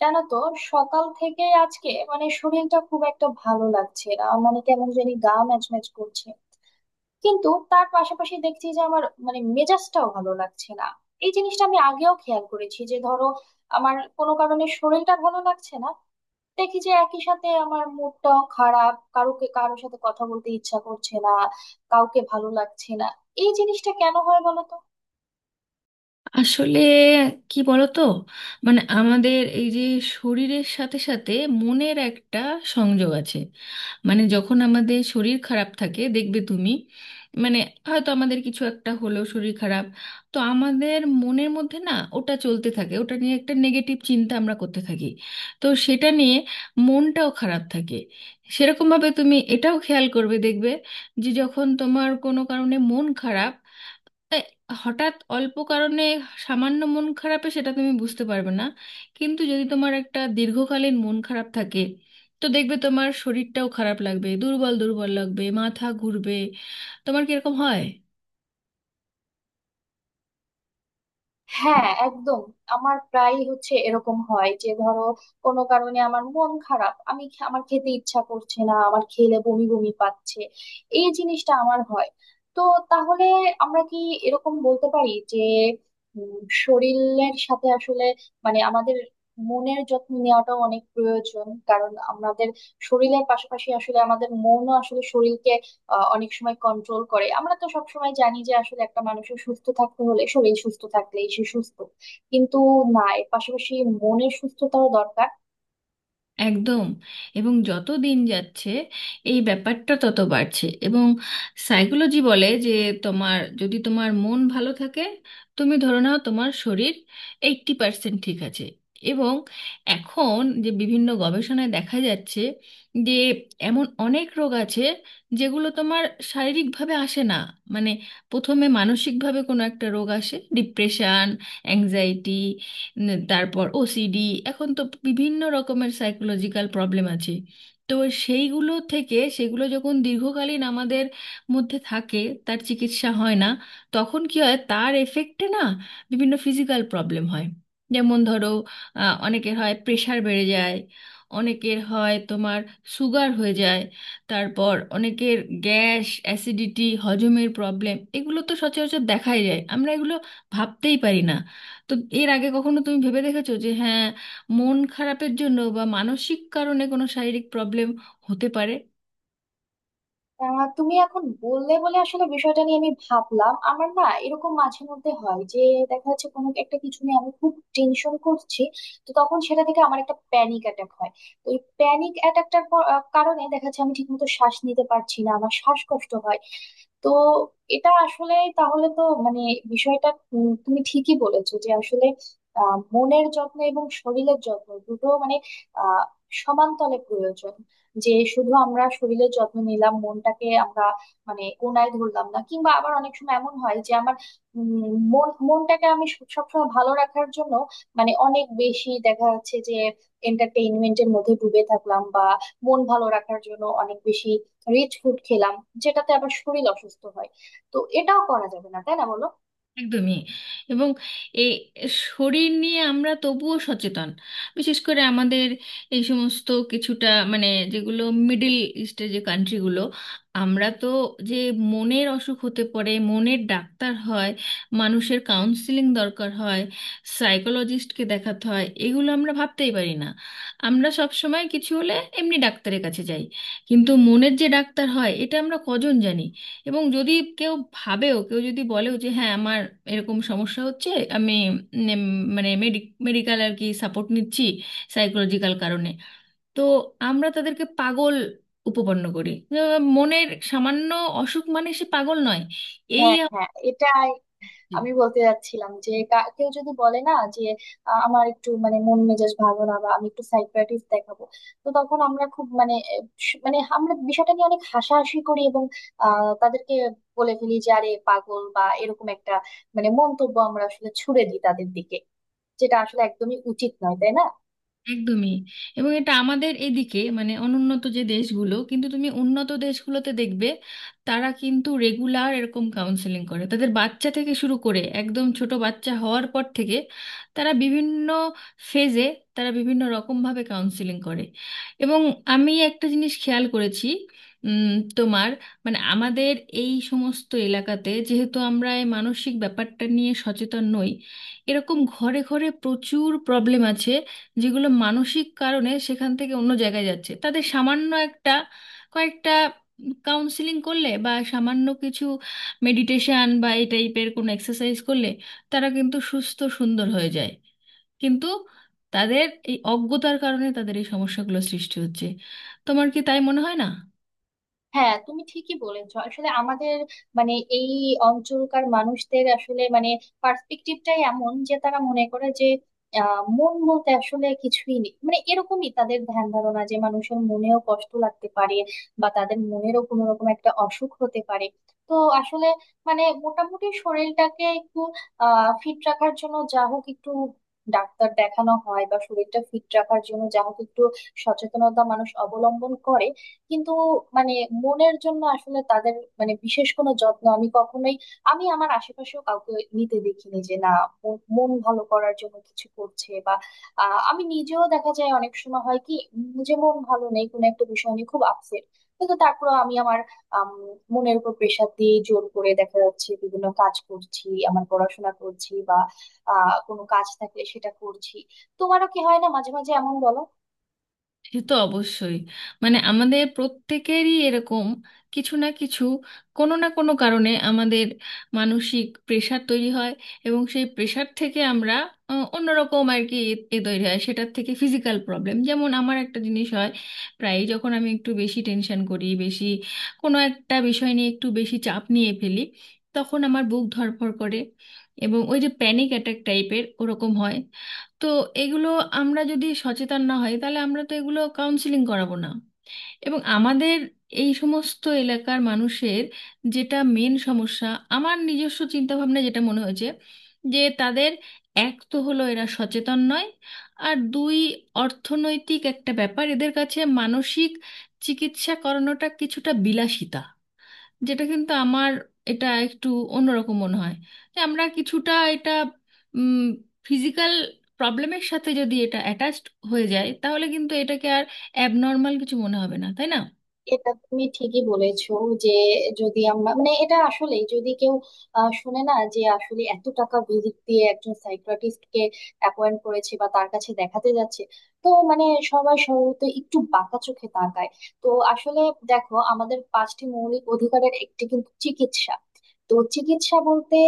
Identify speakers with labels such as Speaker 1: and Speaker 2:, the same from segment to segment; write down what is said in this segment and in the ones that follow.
Speaker 1: জানো তো, সকাল থেকে আজকে মানে শরীরটা খুব একটা ভালো লাগছে না, মানে কেমন জানি গা ম্যাচ ম্যাচ করছে। কিন্তু তার পাশাপাশি দেখছি যে আমার মানে মেজাজটাও ভালো লাগছে না। এই জিনিসটা আমি আগেও খেয়াল করেছি যে ধরো আমার কোনো কারণে শরীরটা ভালো লাগছে না, দেখি যে একই সাথে আমার মুডটাও খারাপ, কারোকে কারোর সাথে কথা বলতে ইচ্ছা করছে না, কাউকে ভালো লাগছে না। এই জিনিসটা কেন হয় বলো তো?
Speaker 2: আসলে কি বলতো, আমাদের এই যে শরীরের সাথে সাথে মনের একটা সংযোগ আছে। যখন আমাদের শরীর খারাপ থাকে দেখবে তুমি, মানে হয়তো আমাদের কিছু একটা হলো শরীর খারাপ, তো আমাদের মনের মধ্যে না ওটা চলতে থাকে, ওটা নিয়ে একটা নেগেটিভ চিন্তা আমরা করতে থাকি, তো সেটা নিয়ে মনটাও খারাপ থাকে। সেরকমভাবে তুমি এটাও খেয়াল করবে, দেখবে যে যখন তোমার কোনো কারণে মন খারাপ এ, হঠাৎ অল্প কারণে সামান্য মন খারাপে সেটা তুমি বুঝতে পারবে না, কিন্তু যদি তোমার একটা দীর্ঘকালীন মন খারাপ থাকে তো দেখবে তোমার শরীরটাও খারাপ লাগবে, দুর্বল দুর্বল লাগবে, মাথা ঘুরবে। তোমার কি এরকম হয়?
Speaker 1: হ্যাঁ, একদম। আমার প্রায় হচ্ছে, এরকম হয় যে ধরো কোনো কারণে আমার মন খারাপ, আমি আমার খেতে ইচ্ছা করছে না, আমার খেলে বমি বমি পাচ্ছে। এই জিনিসটা আমার হয়। তো তাহলে আমরা কি এরকম বলতে পারি যে উম, শরীরের সাথে আসলে মানে আমাদের মনের যত্ন নেওয়াটাও অনেক প্রয়োজন, কারণ আমাদের শরীরের পাশাপাশি আসলে আমাদের মনও আসলে শরীরকে অনেক সময় কন্ট্রোল করে। আমরা তো সব সময় জানি যে আসলে একটা মানুষের সুস্থ থাকতে হলে শরীর সুস্থ থাকলেই সে সুস্থ, কিন্তু না, এর পাশাপাশি মনের সুস্থতাও দরকার।
Speaker 2: একদম। এবং যত দিন যাচ্ছে এই ব্যাপারটা তত বাড়ছে। এবং সাইকোলজি বলে যে তোমার যদি তোমার মন ভালো থাকে, তুমি ধরে নাও তোমার শরীর 80% ঠিক আছে। এবং এখন যে বিভিন্ন গবেষণায় দেখা যাচ্ছে যে এমন অনেক রোগ আছে যেগুলো তোমার শারীরিকভাবে আসে না, মানে প্রথমে মানসিকভাবে কোনো একটা রোগ আসে, ডিপ্রেশন, অ্যাংজাইটি, তারপর ওসিডি। এখন তো বিভিন্ন রকমের সাইকোলজিক্যাল প্রবলেম আছে। তো সেইগুলো থেকে, সেগুলো যখন দীর্ঘকালীন আমাদের মধ্যে থাকে, তার চিকিৎসা হয় না, তখন কি হয় তার এফেক্টে না বিভিন্ন ফিজিক্যাল প্রবলেম হয়। যেমন ধরো, অনেকের হয় প্রেশার বেড়ে যায়, অনেকের হয় তোমার সুগার হয়ে যায়, তারপর অনেকের গ্যাস অ্যাসিডিটি হজমের প্রবলেম, এগুলো তো সচরাচর দেখাই যায়। আমরা এগুলো ভাবতেই পারি না। তো এর আগে কখনো তুমি ভেবে দেখেছো যে হ্যাঁ, মন খারাপের জন্য বা মানসিক কারণে কোনো শারীরিক প্রবলেম হতে পারে?
Speaker 1: তুমি এখন বললে বলে আসলে বিষয়টা নিয়ে আমি ভাবলাম, আমার না এরকম মাঝে মধ্যে হয় যে দেখা যাচ্ছে কোনো একটা কিছু নিয়ে আমি খুব টেনশন করছি, তো তখন সেটা থেকে আমার একটা প্যানিক অ্যাটাক হয়। তো এই প্যানিক অ্যাটাকটার কারণে দেখা যাচ্ছে আমি ঠিকমতো শ্বাস নিতে পারছি না, আমার শ্বাসকষ্ট হয়। তো এটা আসলে তাহলে তো মানে বিষয়টা, তুমি ঠিকই বলেছো যে আসলে মনের যত্ন এবং শরীরের যত্ন দুটো মানে আহ সমানতলে প্রয়োজন। যে শুধু আমরা শরীরের যত্ন নিলাম, মনটাকে আমরা মানে কোনায় ধরলাম না, কিংবা আবার অনেক সময় এমন হয় যে আমার উম, মন মনটাকে আমি সবসময় ভালো রাখার জন্য মানে অনেক বেশি দেখা যাচ্ছে যে এন্টারটেইনমেন্টের মধ্যে ডুবে থাকলাম, বা মন ভালো রাখার জন্য অনেক বেশি রিচ ফুড খেলাম, যেটাতে আবার শরীর অসুস্থ হয়। তো এটাও করা যাবে না, তাই না বলো?
Speaker 2: একদমই। এবং এই শরীর নিয়ে আমরা তবুও সচেতন, বিশেষ করে আমাদের এই সমস্ত কিছুটা মানে যেগুলো মিডল ইস্টের যে কান্ট্রিগুলো, আমরা তো যে মনের অসুখ হতে পারে, মনের ডাক্তার হয়, মানুষের কাউন্সিলিং দরকার হয়, সাইকোলজিস্টকে দেখাতে হয়, এগুলো আমরা ভাবতেই পারি না। আমরা সব সময় কিছু হলে এমনি ডাক্তারের কাছে যাই, কিন্তু মনের যে ডাক্তার হয় এটা আমরা কজন জানি। এবং যদি কেউ ভাবেও, কেউ যদি বলেও যে হ্যাঁ আমার এরকম সমস্যা হচ্ছে, আমি মানে মেডিকেল আর কি সাপোর্ট নিচ্ছি সাইকোলজিক্যাল কারণে, তো আমরা তাদেরকে পাগল উপপন্ন করি যে মনের সামান্য অসুখ মানে সে পাগল নয়। এই
Speaker 1: হ্যাঁ হ্যাঁ, এটাই আমি বলতে যাচ্ছিলাম যে কেউ যদি বলে না যে আমার একটু মানে মন মেজাজ ভালো না, বা আমি একটু সাইকিয়াট্রিস্ট দেখাবো, তো তখন আমরা খুব মানে মানে আমরা বিষয়টা নিয়ে অনেক হাসাহাসি করি, এবং তাদেরকে বলে ফেলি যে আরে পাগল, বা এরকম একটা মানে মন্তব্য আমরা আসলে ছুড়ে দিই তাদের দিকে, যেটা আসলে একদমই উচিত নয়, তাই না?
Speaker 2: একদমই। এবং এটা আমাদের এদিকে, মানে অনুন্নত যে দেশগুলো, কিন্তু তুমি উন্নত দেশগুলোতে দেখবে তারা কিন্তু রেগুলার এরকম কাউন্সেলিং করে তাদের বাচ্চা থেকে শুরু করে একদম ছোট বাচ্চা হওয়ার পর থেকে। তারা বিভিন্ন ফেজে, তারা বিভিন্ন রকমভাবে কাউন্সেলিং করে। এবং আমি একটা জিনিস খেয়াল করেছি, উম, তোমার মানে আমাদের এই সমস্ত এলাকাতে যেহেতু আমরা এই মানসিক ব্যাপারটা নিয়ে সচেতন নই, এরকম ঘরে ঘরে প্রচুর প্রবলেম আছে যেগুলো মানসিক কারণে সেখান থেকে অন্য জায়গায় যাচ্ছে। তাদের সামান্য একটা, কয়েকটা কাউন্সিলিং করলে বা সামান্য কিছু মেডিটেশন বা এই টাইপের কোনো এক্সারসাইজ করলে তারা কিন্তু সুস্থ সুন্দর হয়ে যায়, কিন্তু তাদের এই অজ্ঞতার কারণে তাদের এই সমস্যাগুলো সৃষ্টি হচ্ছে। তোমার কি তাই মনে হয় না?
Speaker 1: হ্যাঁ, তুমি ঠিকই বলেছো। আসলে আমাদের মানে এই অঞ্চলকার মানুষদের আসলে মানে পার্সপেক্টিভটাই এমন যে তারা মনে করে যে মন বলতে আসলে কিছুই নেই, মানে এরকমই তাদের ধ্যান ধারণা, যে মানুষের মনেও কষ্ট লাগতে পারে বা তাদের মনেরও কোনো রকম একটা অসুখ হতে পারে। তো আসলে মানে মোটামুটি শরীরটাকে একটু ফিট রাখার জন্য যা হোক একটু ডাক্তার দেখানো হয়, বা শরীরটা ফিট রাখার জন্য যা হোক একটু সচেতনতা মানুষ অবলম্বন করে, কিন্তু মানে মনের জন্য আসলে তাদের মানে বিশেষ কোনো যত্ন আমি কখনোই, আমি আমার আশেপাশেও কাউকে নিতে দেখিনি যে না, মন মন ভালো করার জন্য কিছু করছে। বা আমি নিজেও, দেখা যায় অনেক সময় হয় কি, যে মন ভালো নেই, কোনো একটা বিষয় নিয়ে খুব আপসেট, কিন্তু তারপর আমি আমার আম, মনের উপর প্রেশার দিয়ে জোর করে দেখা যাচ্ছে বিভিন্ন কাজ করছি, আমার পড়াশোনা করছি বা কোনো কাজ থাকলে সেটা করছি। তোমারও কি হয় না মাঝে মাঝে এমন, বলো?
Speaker 2: সে তো অবশ্যই। আমাদের প্রত্যেকেরই এরকম কিছু না কিছু কোনো না কোনো কারণে আমাদের মানসিক প্রেশার তৈরি হয়, এবং সেই প্রেশার থেকে আমরা অন্যরকম আর কি এ এ তৈরি হয় সেটার থেকে ফিজিক্যাল প্রবলেম। যেমন আমার একটা জিনিস হয়, প্রায়ই যখন আমি একটু বেশি টেনশন করি, বেশি কোনো একটা বিষয় নিয়ে একটু বেশি চাপ নিয়ে ফেলি, তখন আমার বুক ধড়ফড় করে এবং ওই যে প্যানিক অ্যাটাক টাইপের ওরকম হয়। তো এগুলো আমরা যদি সচেতন না হই তাহলে আমরা তো এগুলো কাউন্সিলিং করাবো না। এবং আমাদের এই সমস্ত এলাকার মানুষের যেটা মেন সমস্যা, আমার নিজস্ব চিন্তা ভাবনা যেটা মনে হয়েছে, যে তাদের এক তো হলো এরা সচেতন নয়, আর দুই অর্থনৈতিক একটা ব্যাপার, এদের কাছে মানসিক চিকিৎসা করানোটা কিছুটা বিলাসিতা, যেটা কিন্তু আমার এটা একটু অন্যরকম মনে হয়। যে আমরা কিছুটা এটা ফিজিক্যাল প্রবলেমের সাথে যদি এটা অ্যাটাচড হয়ে যায়, তাহলে কিন্তু এটাকে আর অ্যাবনর্মাল কিছু মনে হবে না, তাই না?
Speaker 1: এটা তুমি ঠিকই বলেছো যে যদি আমরা মানে এটা আসলে যদি কেউ শুনে না যে আসলে এত টাকা ভিজিট দিয়ে একজন সাইকিয়াট্রিস্ট কে অ্যাপয়েন্ট করেছে বা তার কাছে দেখাতে যাচ্ছে, তো মানে সবাই সম্ভবত একটু বাঁকা চোখে তাকায়। তো আসলে দেখো, আমাদের পাঁচটি মৌলিক অধিকারের একটি কিন্তু চিকিৎসা। তো চিকিৎসা বলতে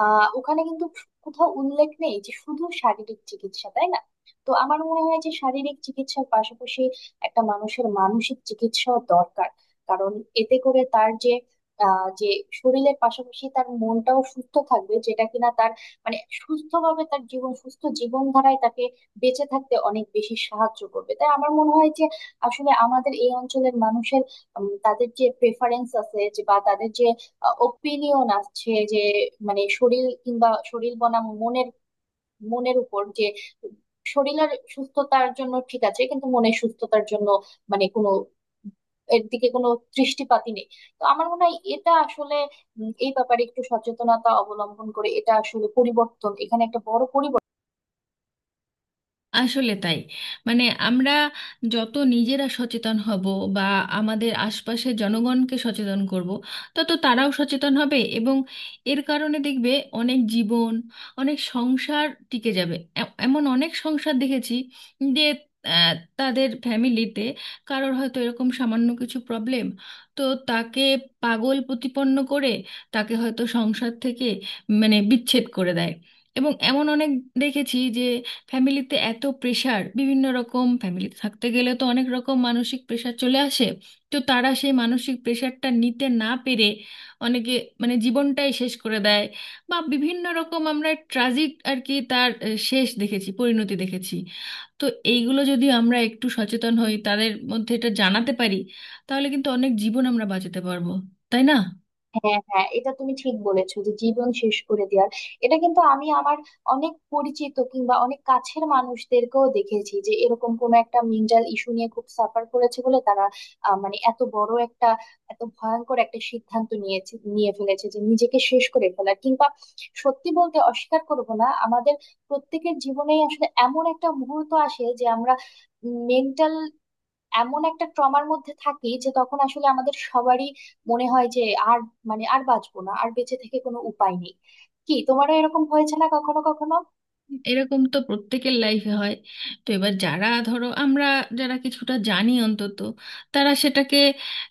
Speaker 1: ওখানে কিন্তু কোথাও উল্লেখ নেই যে শুধু শারীরিক চিকিৎসা, তাই না? তো আমার মনে হয় যে শারীরিক চিকিৎসার পাশাপাশি একটা মানুষের মানসিক চিকিৎসাও দরকার, কারণ এতে করে তার যে আহ, যে শরীরের পাশাপাশি তার মনটাও সুস্থ থাকবে, যেটা কিনা তার মানে সুস্থভাবে তার জীবন, সুস্থ জীবনধারায় তাকে বেঁচে থাকতে অনেক বেশি সাহায্য করবে। তাই আমার মনে হয় যে আসলে আমাদের এই অঞ্চলের মানুষের তাদের যে প্রেফারেন্স আছে, যে বা তাদের যে ওপিনিয়ন আছে যে মানে শরীর কিংবা শরীর বনাম মনের, মনের উপর যে শরীরের সুস্থতার জন্য ঠিক আছে কিন্তু মনের সুস্থতার জন্য মানে কোনো, এর দিকে কোনো দৃষ্টিপাতই নেই। তো আমার মনে হয় এটা আসলে এই ব্যাপারে একটু সচেতনতা অবলম্বন করে এটা আসলে পরিবর্তন, এখানে একটা বড় পরিবর্তন।
Speaker 2: আসলে তাই। আমরা যত নিজেরা সচেতন হব বা আমাদের আশপাশের জনগণকে সচেতন করব, তত তারাও সচেতন হবে এবং এর কারণে দেখবে অনেক জীবন, অনেক সংসার টিকে যাবে। এমন অনেক সংসার দেখেছি যে আহ, তাদের ফ্যামিলিতে কারোর হয়তো এরকম সামান্য কিছু প্রবলেম, তো তাকে পাগল প্রতিপন্ন করে তাকে হয়তো সংসার থেকে মানে বিচ্ছেদ করে দেয়। এবং এমন অনেক দেখেছি যে ফ্যামিলিতে এত প্রেশার, বিভিন্ন রকম ফ্যামিলিতে থাকতে গেলে তো অনেক রকম মানসিক প্রেশার চলে আসে, তো তারা সেই মানসিক প্রেশারটা নিতে না পেরে অনেকে মানে জীবনটাই শেষ করে দেয়, বা বিভিন্ন রকম আমরা ট্রাজিক আর কি তার শেষ দেখেছি, পরিণতি দেখেছি। তো এইগুলো যদি আমরা একটু সচেতন হই, তাদের মধ্যে এটা জানাতে পারি, তাহলে কিন্তু অনেক জীবন আমরা বাঁচাতে পারবো, তাই না?
Speaker 1: হ্যাঁ হ্যাঁ, এটা তুমি ঠিক বলেছো যে জীবন শেষ করে দেওয়ার, এটা কিন্তু আমি আমার অনেক পরিচিত কিংবা অনেক কাছের মানুষদেরকেও দেখেছি যে এরকম কোনো একটা মেন্টাল ইস্যু নিয়ে খুব সাফার করেছে বলে তারা মানে এত বড় একটা, এত ভয়ঙ্কর একটা সিদ্ধান্ত নিয়েছে, নিয়ে ফেলেছে যে নিজেকে শেষ করে ফেলার, কিংবা সত্যি বলতে অস্বীকার করব না, আমাদের প্রত্যেকের জীবনেই আসলে এমন একটা মুহূর্ত আসে যে আমরা মেন্টাল এমন একটা ট্রমার মধ্যে থাকি যে তখন আসলে আমাদের সবারই মনে হয় যে আর মানে আর বাঁচবো না, আর বেঁচে থেকে কোনো উপায় নেই। কি, তোমারও এরকম হয়েছে না কখনো কখনো?
Speaker 2: এরকম তো প্রত্যেকের লাইফে হয়। তো এবার যারা, ধরো আমরা যারা কিছুটা জানি অন্তত, তারা সেটাকে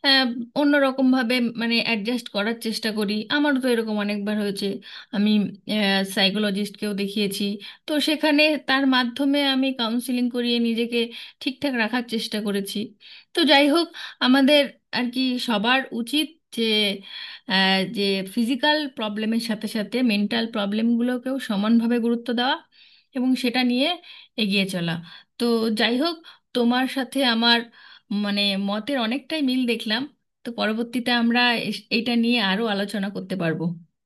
Speaker 2: আহ, অন্যরকম ভাবে মানে অ্যাডজাস্ট করার চেষ্টা করি। আমারও তো এরকম অনেকবার হয়েছে, আমি সাইকোলজিস্টকেও দেখিয়েছি। তো সেখানে তার মাধ্যমে আমি কাউন্সিলিং করিয়ে নিজেকে ঠিকঠাক রাখার চেষ্টা করেছি। তো যাই হোক, আমাদের আর কি সবার উচিত যে আহ, যে ফিজিক্যাল প্রবলেমের সাথে সাথে মেন্টাল প্রবলেমগুলোকেও সমানভাবে গুরুত্ব দেওয়া এবং সেটা নিয়ে এগিয়ে চলা। তো যাই হোক, তোমার সাথে আমার মানে মতের অনেকটাই মিল দেখলাম। তো পরবর্তীতে আমরা এটা নিয়ে আরো আলোচনা করতে পারবো।